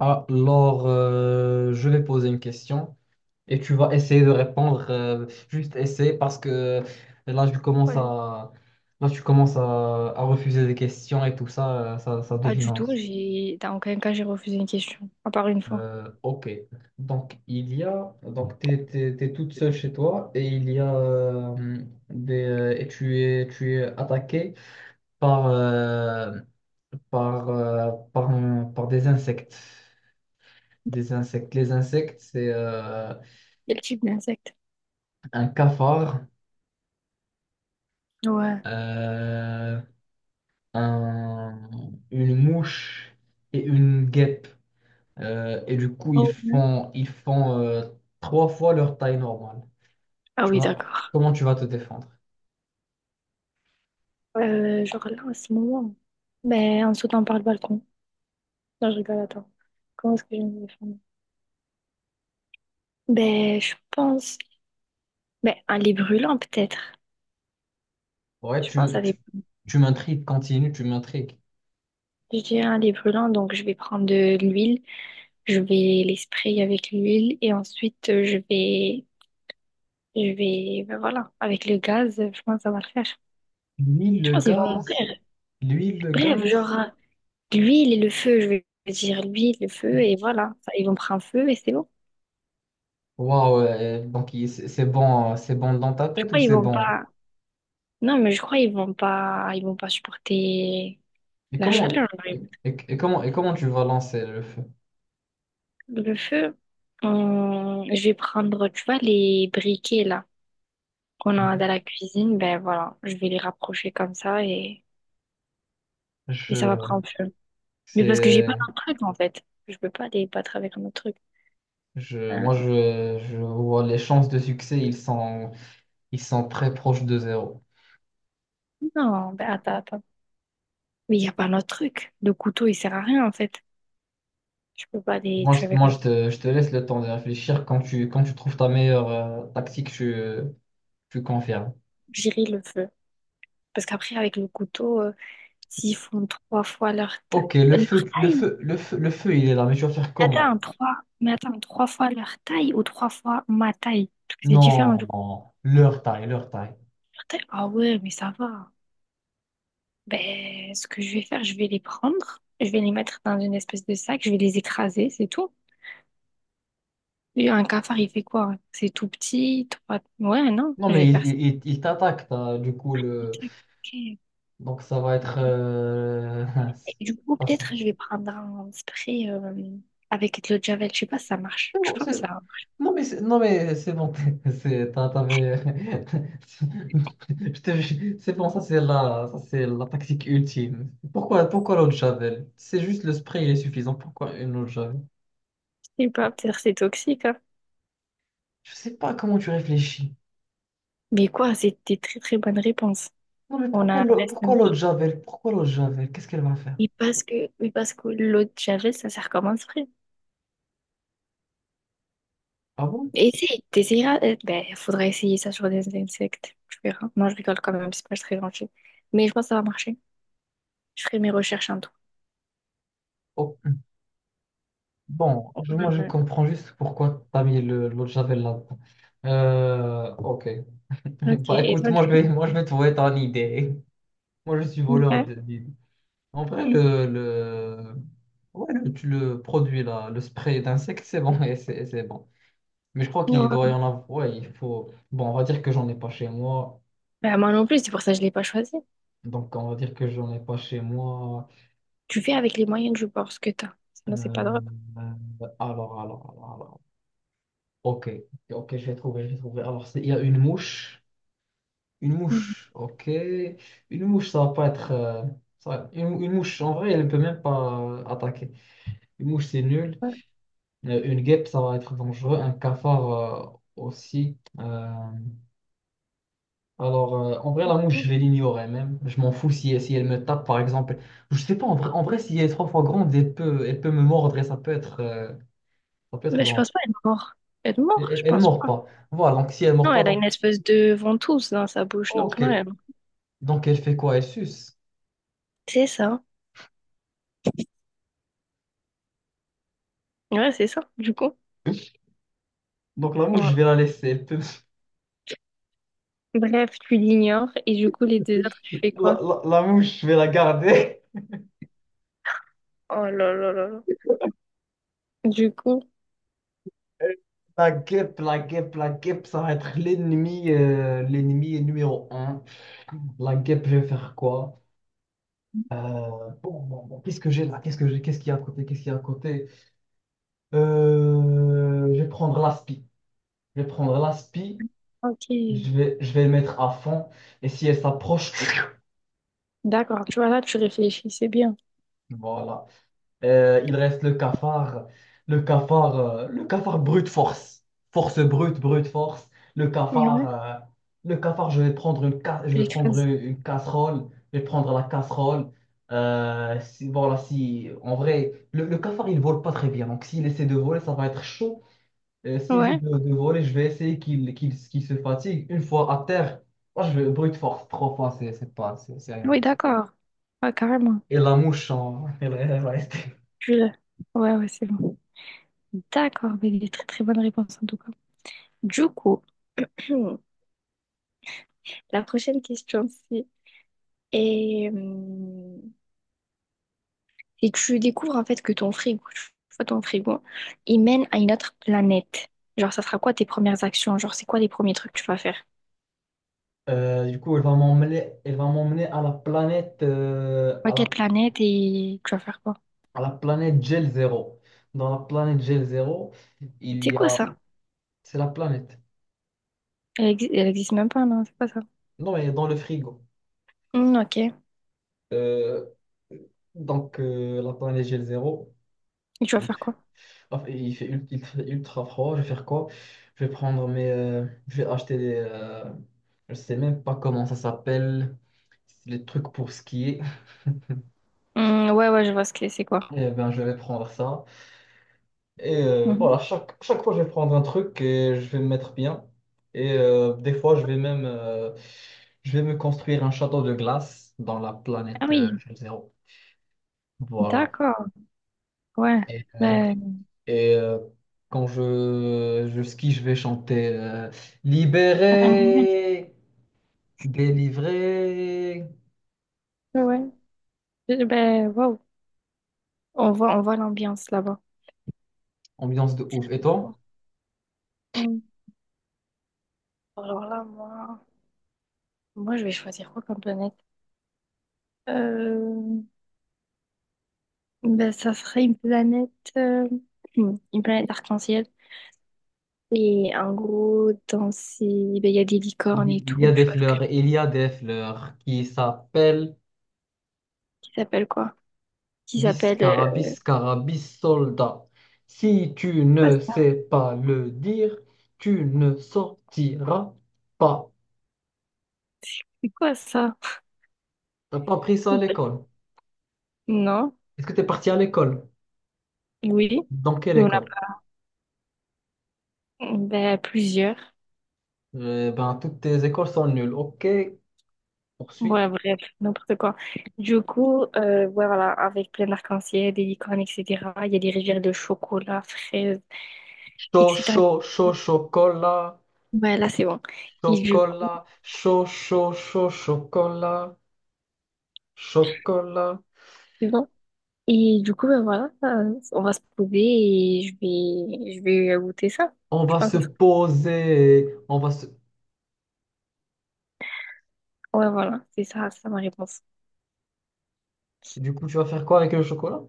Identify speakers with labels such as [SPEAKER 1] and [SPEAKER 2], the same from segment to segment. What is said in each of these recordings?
[SPEAKER 1] Je vais poser une question et tu vas essayer de répondre. Juste essayer parce que là, je commence
[SPEAKER 2] Ouais, j'ai-
[SPEAKER 1] à, là, tu commences à refuser des questions et tout ça, ça
[SPEAKER 2] Pas
[SPEAKER 1] devient
[SPEAKER 2] du
[SPEAKER 1] lent.
[SPEAKER 2] tout, j'ai... dans aucun cas j'ai refusé une question, à part une fois.
[SPEAKER 1] Ok. Donc, il y a. Donc, toute seule chez toi et il y a et tu es attaqué par, euh, par des insectes. Des insectes. Les insectes, c'est
[SPEAKER 2] Quel type d'insecte?
[SPEAKER 1] un cafard,
[SPEAKER 2] Ouais.
[SPEAKER 1] euh, un- une mouche et une guêpe. Et du coup,
[SPEAKER 2] Oh, ouais.
[SPEAKER 1] ils font trois fois leur taille normale.
[SPEAKER 2] Ah
[SPEAKER 1] Tu
[SPEAKER 2] oui,
[SPEAKER 1] vois,
[SPEAKER 2] d'accord.
[SPEAKER 1] comment tu vas te défendre?
[SPEAKER 2] Genre là, en ce moment, ben, en sautant par le balcon. Non, je rigole, attends. Comment est-ce que je me défendre? Ben, je pense... Ben, un lait brûlant, peut-être.
[SPEAKER 1] Ouais,
[SPEAKER 2] Je pense
[SPEAKER 1] tu, tu,
[SPEAKER 2] avec...
[SPEAKER 1] tu m'intrigues, continue, tu m'intrigues.
[SPEAKER 2] Je dirais un lait brûlant, donc je vais prendre de l'huile, je vais les sprayer avec l'huile, et ensuite, je vais... Je vais... Ben voilà, avec le gaz, je pense que ça va le faire.
[SPEAKER 1] L'huile,
[SPEAKER 2] Je
[SPEAKER 1] le
[SPEAKER 2] pense qu'ils vont
[SPEAKER 1] gaz,
[SPEAKER 2] mourir.
[SPEAKER 1] l'huile, le
[SPEAKER 2] Bref,
[SPEAKER 1] gaz.
[SPEAKER 2] genre... L'huile et le feu, je veux dire l'huile, le feu, et voilà. Ça, ils vont prendre feu et c'est bon.
[SPEAKER 1] Waouh, c'est bon, c'est bon dans ta
[SPEAKER 2] Je
[SPEAKER 1] tête ou
[SPEAKER 2] crois qu'ils
[SPEAKER 1] c'est
[SPEAKER 2] vont
[SPEAKER 1] bon?
[SPEAKER 2] pas. Non, mais je crois qu'ils vont pas. Ils vont pas supporter la chaleur.
[SPEAKER 1] Et comment tu vas lancer le feu?
[SPEAKER 2] Le feu. Je vais prendre, tu vois, les briquets là qu'on a dans
[SPEAKER 1] Mhm.
[SPEAKER 2] la cuisine. Ben voilà, je vais les rapprocher comme ça, et ça va
[SPEAKER 1] Je,
[SPEAKER 2] prendre feu. Mais parce que j'ai pas
[SPEAKER 1] c'est
[SPEAKER 2] notre truc en fait. Je peux pas les battre avec un autre truc.
[SPEAKER 1] Je,
[SPEAKER 2] Euh,
[SPEAKER 1] moi, Je vois les chances de succès, ils sont très proches de zéro.
[SPEAKER 2] non, ben attends. Mais il y a pas notre truc. Le couteau, il sert à rien en fait. Je peux pas les tuer avec un.
[SPEAKER 1] Je te laisse le temps de réfléchir. Quand tu trouves ta meilleure tactique, tu confirmes.
[SPEAKER 2] J'irai le feu. Parce qu'après, avec le couteau, s'ils font trois fois leur taille.
[SPEAKER 1] Ok,
[SPEAKER 2] Leur taille?
[SPEAKER 1] le feu, il est là, mais tu vas faire comment?
[SPEAKER 2] Attends, trois. Mais attends, trois fois leur taille ou trois fois ma taille? Parce que c'est différent.
[SPEAKER 1] Non,
[SPEAKER 2] De
[SPEAKER 1] non, leur taille, leur taille.
[SPEAKER 2] leur taille. Ah ouais, mais ça va. Ben, ce que je vais faire, je vais les prendre. Je vais les mettre dans une espèce de sac. Je vais les écraser, c'est tout. Et un cafard, il fait quoi? C'est tout petit, trois... Ouais, non,
[SPEAKER 1] Non,
[SPEAKER 2] je
[SPEAKER 1] mais
[SPEAKER 2] vais faire ça.
[SPEAKER 1] il t'attaque, t'as, du coup, le...
[SPEAKER 2] Ok. Et
[SPEAKER 1] donc ça va être c'est
[SPEAKER 2] du coup,
[SPEAKER 1] pas ça.
[SPEAKER 2] peut-être, je vais prendre un spray avec de l'eau de Javel. Je sais pas si ça marche.
[SPEAKER 1] C'est
[SPEAKER 2] Je
[SPEAKER 1] bon,
[SPEAKER 2] pense que ça
[SPEAKER 1] c'est-
[SPEAKER 2] marche.
[SPEAKER 1] Non mais c'est bon t'avais jure, c'est bon. Ça c'est la tactique ultime. Pourquoi l'eau de Javel? C'est juste le spray, il est suffisant. Pourquoi une eau de Javel?
[SPEAKER 2] Je sais pas, peut-être c'est toxique, hein.
[SPEAKER 1] Je sais pas comment tu réfléchis.
[SPEAKER 2] Mais quoi, c'était très très bonne réponse.
[SPEAKER 1] Non mais
[SPEAKER 2] On a l'instinct.
[SPEAKER 1] pourquoi l'eau de Javel, qu'est-ce qu'elle va faire?
[SPEAKER 2] Oui parce que, oui parce que l'eau de Javel, ça sert comme un spray.
[SPEAKER 1] Ah bon.
[SPEAKER 2] Essaye, t'essayeras. Ben, il faudra essayer ça sur des insectes. Tu verras. Non, je rigole quand même, c'est pas très gentil. Mais je pense que ça va marcher. Je ferai mes recherches en tout.
[SPEAKER 1] Oh. Moi je
[SPEAKER 2] Ouais.
[SPEAKER 1] comprends juste pourquoi t'as mis le l'eau de Javel là. Ok.
[SPEAKER 2] Ok,
[SPEAKER 1] Bah
[SPEAKER 2] et
[SPEAKER 1] écoute,
[SPEAKER 2] toi, du coup?
[SPEAKER 1] moi je vais trouver ton idée. Moi je suis voleur
[SPEAKER 2] Ouais.
[SPEAKER 1] d'idées. En vrai, le produit, là, le spray d'insectes, c'est bon, et c'est bon. Mais je crois qu'il doit
[SPEAKER 2] Ouais.
[SPEAKER 1] y en avoir. Ouais, il faut. Bon, on va dire que j'en ai pas chez moi.
[SPEAKER 2] Ben, moi non plus, c'est pour ça que je l'ai pas choisi.
[SPEAKER 1] Donc, on va dire que j'en ai pas chez moi.
[SPEAKER 2] Tu fais avec les moyens du bord ce que t'as. Sinon, c'est pas
[SPEAKER 1] Euh,
[SPEAKER 2] drôle.
[SPEAKER 1] alors. Ok, je vais trouver. Il y a une mouche. Une
[SPEAKER 2] Mhm.
[SPEAKER 1] mouche, ok. Une mouche, ça va pas être. Ça va- Une mouche, en vrai, elle ne peut même pas attaquer. Une mouche, c'est nul.
[SPEAKER 2] Ouais.
[SPEAKER 1] Une guêpe, ça va être dangereux. Un cafard aussi. En vrai, la mouche, je vais l'ignorer même. Je m'en fous si elle me tape, par exemple. Je sais pas, en vrai, si elle est trois fois grande, elle peut me mordre et ça peut être
[SPEAKER 2] Ben, je
[SPEAKER 1] dangereux.
[SPEAKER 2] pense pas être mort. Être mort, je
[SPEAKER 1] Ne
[SPEAKER 2] pense
[SPEAKER 1] mord
[SPEAKER 2] pas.
[SPEAKER 1] pas. Voilà, donc si elle ne mord
[SPEAKER 2] Non,
[SPEAKER 1] pas,
[SPEAKER 2] elle a
[SPEAKER 1] donc...
[SPEAKER 2] une espèce de ventouse dans sa bouche, donc
[SPEAKER 1] Ok.
[SPEAKER 2] non, elle...
[SPEAKER 1] Donc, elle fait quoi? Elle suce.
[SPEAKER 2] C'est ça. Ouais, c'est ça, du coup.
[SPEAKER 1] Donc, la mouche,
[SPEAKER 2] Voilà.
[SPEAKER 1] je vais la laisser. Elle peut-
[SPEAKER 2] Bref, tu l'ignores, et du coup, les deux autres, tu fais quoi?
[SPEAKER 1] La mouche, je vais la garder.
[SPEAKER 2] Oh là là là là. Du coup,
[SPEAKER 1] La guêpe, ça va être l'ennemi, l'ennemi numéro un. La guêpe, je vais faire quoi? Euh, bon, qu'est-ce que j'ai là? Qu'est-ce que j'ai? Qu'est-ce qu'il y a à côté? Qu'est-ce qu'il y a à côté? Je vais prendre l'aspi. Je vais prendre l'aspi.
[SPEAKER 2] ok.
[SPEAKER 1] Je vais le mettre à fond. Et si elle s'approche,
[SPEAKER 2] D'accord, tu vois, là, tu réfléchis, c'est bien.
[SPEAKER 1] voilà. Il reste le cafard, le cafard brute force, force brute, brute force. Le cafard,
[SPEAKER 2] Ouais,
[SPEAKER 1] euh, le cafard, je
[SPEAKER 2] tu
[SPEAKER 1] vais prendre
[SPEAKER 2] l'écrases.
[SPEAKER 1] une casserole, je vais prendre la casserole. Si en vrai, le cafard il vole pas très bien, donc s'il essaie de voler, ça va être chaud. S'il essaie
[SPEAKER 2] Ouais,
[SPEAKER 1] de voler, je vais essayer qu'il se fatigue. Une fois à terre, moi je vais brute force trois fois, c'est rien.
[SPEAKER 2] oui, d'accord. Ouais, carrément.
[SPEAKER 1] Et la mouche, en- elle reste.
[SPEAKER 2] Tu l'as. Ouais, ouais, c'est bon. D'accord, mais il est très très bonne réponse en tout cas. Du coup, la prochaine question, c'est... Et... et tu découvres en fait que ton frigo, tu vois, ton frigo, il mène à une autre planète. Genre, ça sera quoi tes premières actions? Genre, c'est quoi les premiers trucs que tu vas faire?
[SPEAKER 1] Du coup, elle va m'emmener à la planète,
[SPEAKER 2] À quelle planète et tu vas faire quoi?
[SPEAKER 1] à la planète Gel Zero. Dans la planète Gel Zero, il
[SPEAKER 2] C'est
[SPEAKER 1] y
[SPEAKER 2] quoi
[SPEAKER 1] a,
[SPEAKER 2] ça?
[SPEAKER 1] c'est la planète.
[SPEAKER 2] Elle existe même pas, non, c'est pas ça.
[SPEAKER 1] Non, elle est dans le frigo.
[SPEAKER 2] Hmm, ok. Et
[SPEAKER 1] Euh, la planète Gel Zero,
[SPEAKER 2] tu vas
[SPEAKER 1] il,
[SPEAKER 2] faire quoi?
[SPEAKER 1] enfin, il fait ultra froid. Je vais faire quoi? Je vais acheter des, je sais même pas comment ça s'appelle, les trucs pour skier.
[SPEAKER 2] Hmm, ouais, ouais, je vois ce que c'est quoi.
[SPEAKER 1] Eh ben, je vais prendre ça. Et voilà,
[SPEAKER 2] Mhm.
[SPEAKER 1] chaque fois, je vais prendre un truc et je vais me mettre bien. Et des fois, je vais même je vais me construire un château de glace dans la
[SPEAKER 2] Ah
[SPEAKER 1] planète
[SPEAKER 2] oui,
[SPEAKER 1] zéro. Voilà.
[SPEAKER 2] d'accord. Ouais.
[SPEAKER 1] Et, euh, d-
[SPEAKER 2] Ben,
[SPEAKER 1] et, euh, Quand je skie, je vais chanter
[SPEAKER 2] rien de neige,
[SPEAKER 1] Libéré, délivré,
[SPEAKER 2] ouais. Ben, waouh. On voit l'ambiance là-bas.
[SPEAKER 1] ambiance de ouf. Et toi?
[SPEAKER 2] Hmm. Alors là, moi, moi, je vais choisir quoi comme planète? Euh, Ben, ça serait une planète, euh, une planète arc-en-ciel. Et en gros, dans ces, ben, il y a des licornes et
[SPEAKER 1] Il y
[SPEAKER 2] tout.
[SPEAKER 1] a des
[SPEAKER 2] Tu vois ce que,
[SPEAKER 1] fleurs, il y a des fleurs qui s'appellent
[SPEAKER 2] qui s'appelle quoi? Qui s'appelle.
[SPEAKER 1] Biscara, Biscarabis, carabis, soldat. Si tu
[SPEAKER 2] Quoi
[SPEAKER 1] ne
[SPEAKER 2] ça?
[SPEAKER 1] sais pas le dire, tu ne sortiras pas.
[SPEAKER 2] C'est quoi ça?
[SPEAKER 1] T'as pas appris ça à l'école.
[SPEAKER 2] Non?
[SPEAKER 1] Est-ce que t'es parti à l'école?
[SPEAKER 2] Oui?
[SPEAKER 1] Dans quelle
[SPEAKER 2] On a
[SPEAKER 1] école?
[SPEAKER 2] pas. Ben, plusieurs.
[SPEAKER 1] Eh ben, toutes tes écoles sont nulles. Ok, poursuis.
[SPEAKER 2] Ouais, bref, n'importe quoi. Du coup, ouais, voilà, avec plein d'arc-en-ciel, des licornes, etc. Il y a des rivières de chocolat, fraises,
[SPEAKER 1] Chaud,
[SPEAKER 2] etc.
[SPEAKER 1] chaud, chaud, chocolat.
[SPEAKER 2] Ouais, là, c'est bon. Et du coup,
[SPEAKER 1] Chocolat, chaud, chaud, chaud, chocolat. Chocolat.
[SPEAKER 2] c'est bon. Et du coup, ben voilà, on va se trouver et je vais goûter ça.
[SPEAKER 1] On
[SPEAKER 2] Je
[SPEAKER 1] va
[SPEAKER 2] pense
[SPEAKER 1] se
[SPEAKER 2] que ça-
[SPEAKER 1] poser. On va se...
[SPEAKER 2] ouais, voilà, c'est ça ma réponse.
[SPEAKER 1] Du coup, tu vas faire quoi avec le chocolat?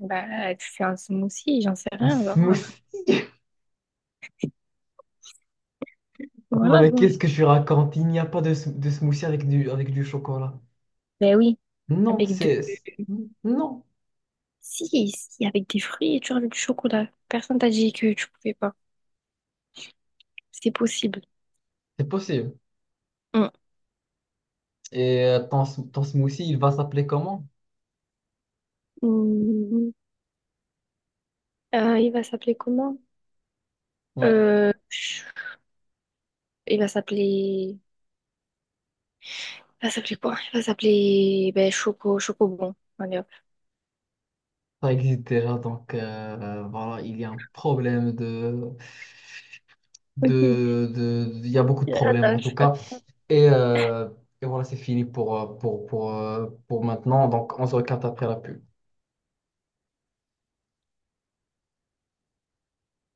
[SPEAKER 2] Bah, tu fais un smoothie, j'en sais
[SPEAKER 1] Un
[SPEAKER 2] rien, genre,
[SPEAKER 1] smoothie. Non,
[SPEAKER 2] voilà,
[SPEAKER 1] mais
[SPEAKER 2] quoi.
[SPEAKER 1] qu'est-ce que je raconte? Il n'y a pas de smoothie avec du chocolat.
[SPEAKER 2] Ben oui,
[SPEAKER 1] Non,
[SPEAKER 2] avec de,
[SPEAKER 1] c'est- Non,
[SPEAKER 2] si, si, avec des fruits et tu rajoutes du chocolat. Personne t'a dit que tu pouvais pas. C'est possible.
[SPEAKER 1] c'est possible.
[SPEAKER 2] Mm.
[SPEAKER 1] Et ton smoothie, il va s'appeler comment?
[SPEAKER 2] Mm. Il va s'appeler comment?
[SPEAKER 1] Ouais,
[SPEAKER 2] Euh, il va s'appeler, il Il va s'appeler, ben, Choco, Chocobon. Allez, hop.
[SPEAKER 1] ça existe déjà, donc voilà, il y a un problème
[SPEAKER 2] Ok.
[SPEAKER 1] de... Il y a beaucoup de problèmes, en tout cas.
[SPEAKER 2] Attends,
[SPEAKER 1] Et, euh, et voilà, c'est fini pour, pour maintenant. Donc, on se recapte après la pub.